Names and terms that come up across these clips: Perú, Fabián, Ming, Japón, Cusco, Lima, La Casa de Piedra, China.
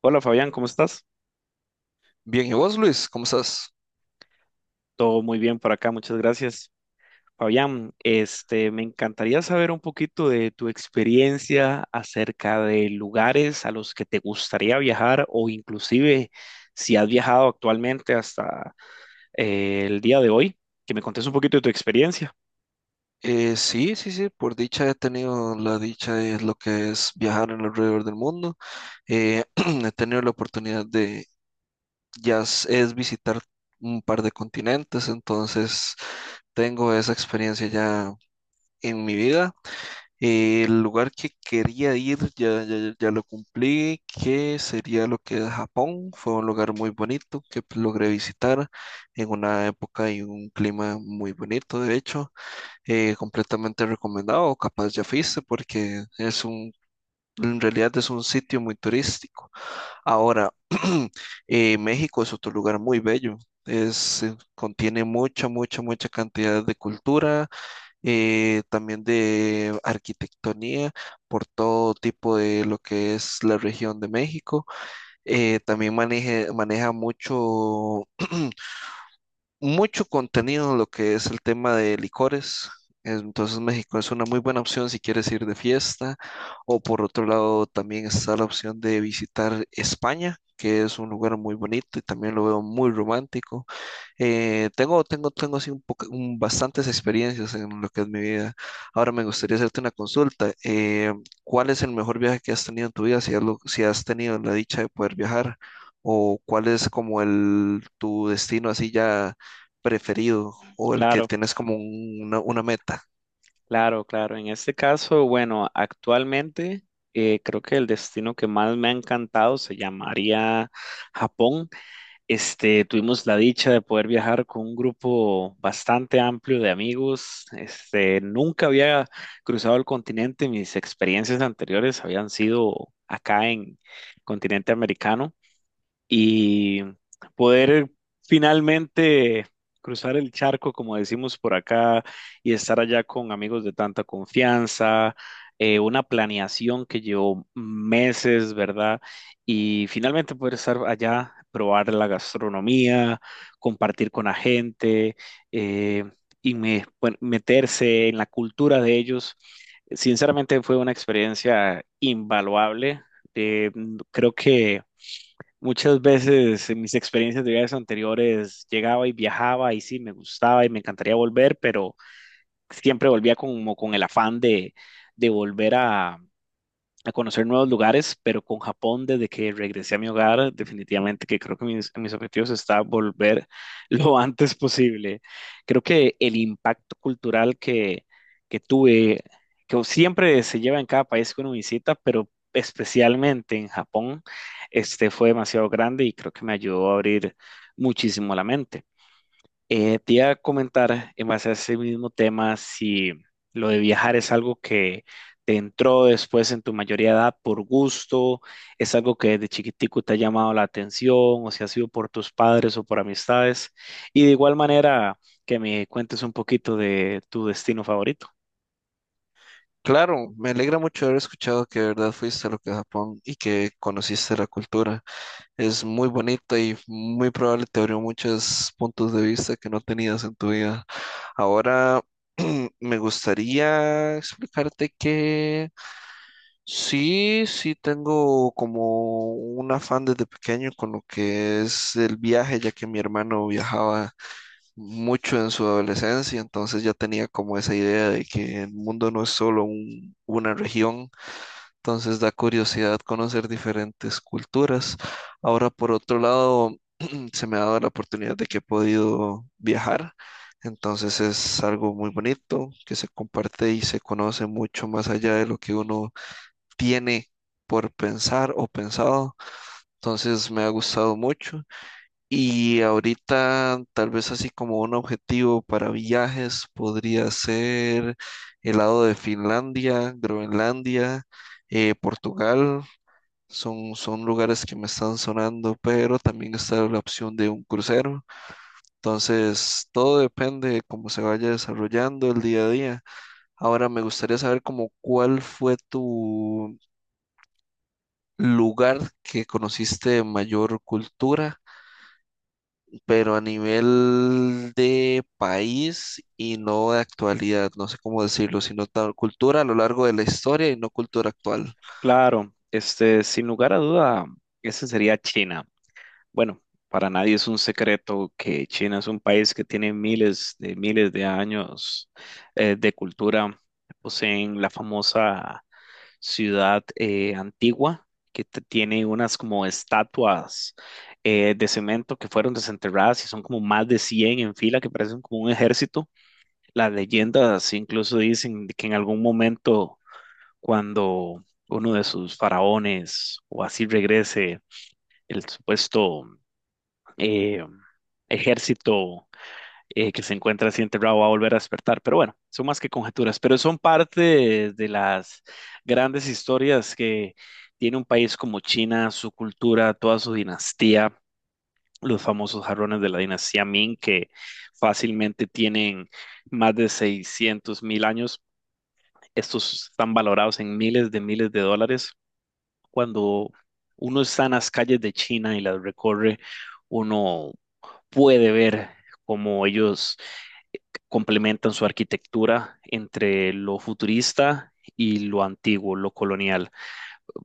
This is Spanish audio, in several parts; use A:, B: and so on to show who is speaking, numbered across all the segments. A: Hola Fabián, ¿cómo estás?
B: Bien, ¿y vos, Luis? ¿Cómo estás?
A: Todo muy bien por acá, muchas gracias. Fabián, este, me encantaría saber un poquito de tu experiencia acerca de lugares a los que te gustaría viajar, o inclusive si has viajado actualmente hasta el día de hoy, que me contes un poquito de tu experiencia.
B: Sí, sí, sí, por dicha he tenido la dicha de lo que es viajar en alrededor del mundo. Eh, he tenido la oportunidad de, ya es visitar un par de continentes, entonces tengo esa experiencia ya en mi vida. El lugar que quería ir ya lo cumplí, que sería lo que es Japón. Fue un lugar muy bonito que logré visitar en una época y un clima muy bonito, de hecho. Completamente recomendado, o capaz ya fuiste, porque en realidad es un sitio muy turístico. Ahora, México es otro lugar muy bello. Es, contiene mucha, mucha, mucha cantidad de cultura, también de arquitectonía por todo tipo de lo que es la región de México. También maneja mucho mucho contenido en lo que es el tema de licores. Entonces México es una muy buena opción si quieres ir de fiesta, o por otro lado también está la opción de visitar España, que es un lugar muy bonito y también lo veo muy romántico. Tengo así bastantes experiencias en lo que es mi vida. Ahora me gustaría hacerte una consulta. ¿cuál es el mejor viaje que has tenido en tu vida? Si si has tenido la dicha de poder viajar, o cuál es como el tu destino así ya preferido, o el que
A: Claro,
B: tienes como una meta.
A: claro, claro. En este caso, bueno, actualmente creo que el destino que más me ha encantado se llamaría Japón. Este, tuvimos la dicha de poder viajar con un grupo bastante amplio de amigos. Este, nunca había cruzado el continente. Mis experiencias anteriores habían sido acá en continente americano, y poder finalmente cruzar el charco, como decimos por acá, y estar allá con amigos de tanta confianza, una planeación que llevó meses, ¿verdad? Y finalmente poder estar allá, probar la gastronomía, compartir con la gente, eh, y bueno, meterse en la cultura de ellos. Sinceramente fue una experiencia invaluable. Eh, creo que muchas veces en mis experiencias de viajes anteriores llegaba y viajaba y sí, me gustaba y me encantaría volver, pero siempre volvía como con el afán de, de volver a conocer nuevos lugares, pero con Japón, desde que regresé a mi hogar, definitivamente que creo que mis objetivos está volver lo antes posible. Creo que el impacto cultural que tuve, que siempre se lleva en cada país que uno visita, pero especialmente en Japón, este fue demasiado grande y creo que me ayudó a abrir muchísimo la mente. Te iba a comentar en base a ese mismo tema si lo de viajar es algo que te entró después en tu mayoría de edad por gusto, es algo que desde chiquitico te ha llamado la atención, o si ha sido por tus padres o por amistades. Y de igual manera, que me cuentes un poquito de tu destino favorito.
B: Claro, me alegra mucho haber escuchado que de verdad fuiste a lo que es Japón y que conociste la cultura. Es muy bonita y muy probable te abrió muchos puntos de vista que no tenías en tu vida. Ahora me gustaría explicarte que sí, sí tengo como un afán desde pequeño con lo que es el viaje, ya que mi hermano viajaba mucho en su adolescencia, entonces ya tenía como esa idea de que el mundo no es solo una región, entonces da curiosidad conocer diferentes culturas. Ahora, por otro lado, se me ha dado la oportunidad de que he podido viajar, entonces es algo muy bonito que se comparte y se conoce mucho más allá de lo que uno tiene por pensar o pensado. Entonces me ha gustado mucho, y ahorita tal vez así como un objetivo para viajes podría ser el lado de Finlandia, Groenlandia, Portugal, son lugares que me están sonando, pero también está la opción de un crucero. Entonces, todo depende de cómo se vaya desarrollando el día a día. Ahora me gustaría saber como cuál fue tu lugar que conociste de mayor cultura, pero a nivel de país y no de actualidad, no sé cómo decirlo, sino tal cultura a lo largo de la historia y no cultura actual.
A: Claro, este, sin lugar a duda, ese sería China. Bueno, para nadie es un secreto que China es un país que tiene miles de años de cultura. Poseen la famosa ciudad antigua, que tiene unas como estatuas de cemento que fueron desenterradas, y son como más de 100 en fila que parecen como un ejército. Las leyendas incluso dicen de que en algún momento, cuando uno de sus faraones o así regrese, el supuesto eh, ejército que se encuentra así enterrado va a volver a despertar. Pero bueno, son más que conjeturas, pero son parte de las grandes historias que tiene un país como China, su cultura, toda su dinastía, los famosos jarrones de la dinastía Ming, que fácilmente tienen más de 600.000 años. Estos están valorados en miles de dólares. Cuando uno está en las calles de China y las recorre, uno puede ver cómo ellos complementan su arquitectura entre lo futurista y lo antiguo, lo colonial,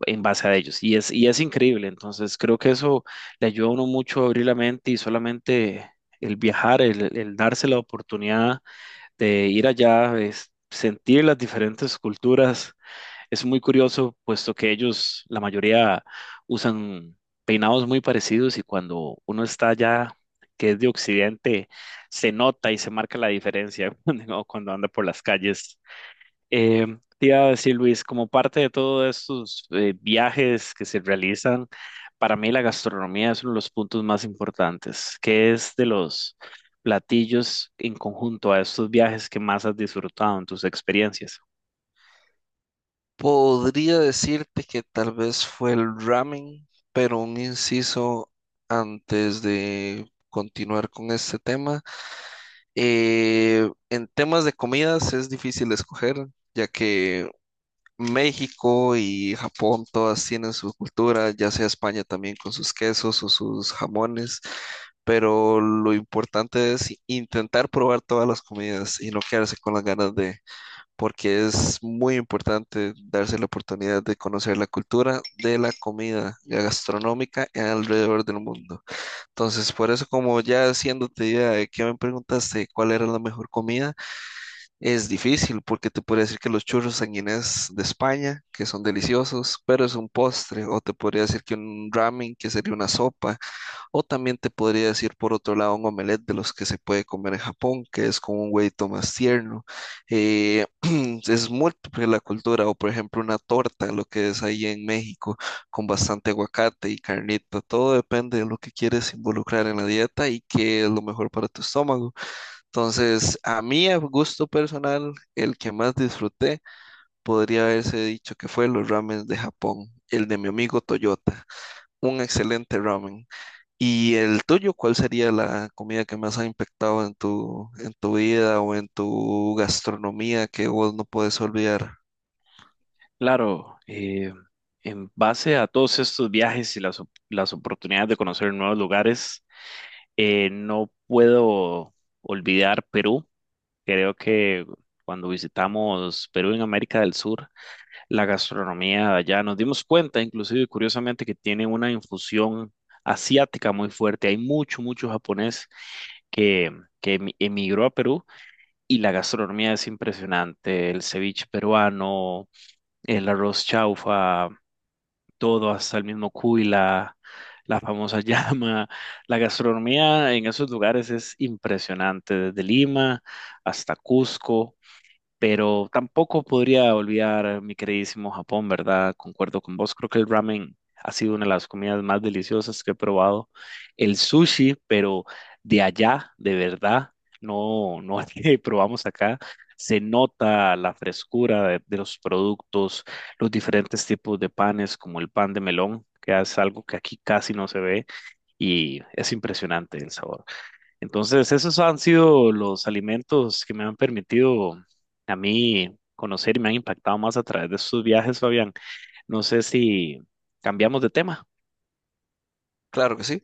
A: en base a ellos. Y es increíble, entonces creo que eso le ayuda a uno mucho a abrir la mente, y solamente el viajar, el darse la oportunidad de ir allá, es sentir las diferentes culturas. Es muy curioso, puesto que ellos, la mayoría, usan peinados muy parecidos, y cuando uno está allá, que es de Occidente, se nota y se marca la diferencia cuando anda por las calles. Eh, te iba a decir, Luis, como parte de todos estos viajes que se realizan, para mí la gastronomía es uno de los puntos más importantes. Que es de los platillos en conjunto a estos viajes que más has disfrutado en tus experiencias?
B: Podría decirte que tal vez fue el ramen, pero un inciso antes de continuar con este tema. En temas de comidas es difícil escoger, ya que México y Japón todas tienen su cultura, ya sea España también con sus quesos o sus jamones, pero lo importante es intentar probar todas las comidas y no quedarse con las ganas de, porque es muy importante darse la oportunidad de conocer la cultura de la comida gastronómica alrededor del mundo. Entonces, por eso, como ya haciéndote idea de que me preguntaste cuál era la mejor comida, es difícil porque te podría decir que los churros sanguinés de España, que son deliciosos, pero es un postre, o te podría decir que un ramen, que sería una sopa, o también te podría decir por otro lado un omelette de los que se puede comer en Japón, que es con un huevito más tierno. Eh, es múltiple la cultura, o por ejemplo una torta, lo que es ahí en México, con bastante aguacate y carnita. Todo depende de lo que quieres involucrar en la dieta y qué es lo mejor para tu estómago. Entonces, a mí, a gusto personal, el que más disfruté podría haberse dicho que fue los ramen de Japón, el de mi amigo Toyota, un excelente ramen. ¿Y el tuyo, cuál sería la comida que más ha impactado en en tu vida o en tu gastronomía que vos no puedes olvidar?
A: Claro, en base a todos estos viajes y las oportunidades de conocer nuevos lugares, no puedo olvidar Perú. Creo que cuando visitamos Perú en América del Sur, la gastronomía de allá nos dimos cuenta, inclusive curiosamente, que tiene una infusión asiática muy fuerte. Hay mucho, mucho japonés que, que emigró a Perú, y la gastronomía es impresionante. El ceviche peruano, el arroz chaufa, todo, hasta el mismo cuy, la famosa llama. La gastronomía en esos lugares es impresionante, desde Lima hasta Cusco. Pero tampoco podría olvidar mi queridísimo Japón, ¿verdad? Concuerdo con vos. Creo que el ramen ha sido una de las comidas más deliciosas que he probado. El sushi, pero de allá, de verdad, no, no es que probamos acá. Se nota la frescura de los productos, los diferentes tipos de panes, como el pan de melón, que es algo que aquí casi no se ve, y es impresionante el sabor. Entonces, esos han sido los alimentos que me han permitido a mí conocer, y me han impactado más a través de estos viajes, Fabián. No sé si cambiamos de tema.
B: Claro que sí.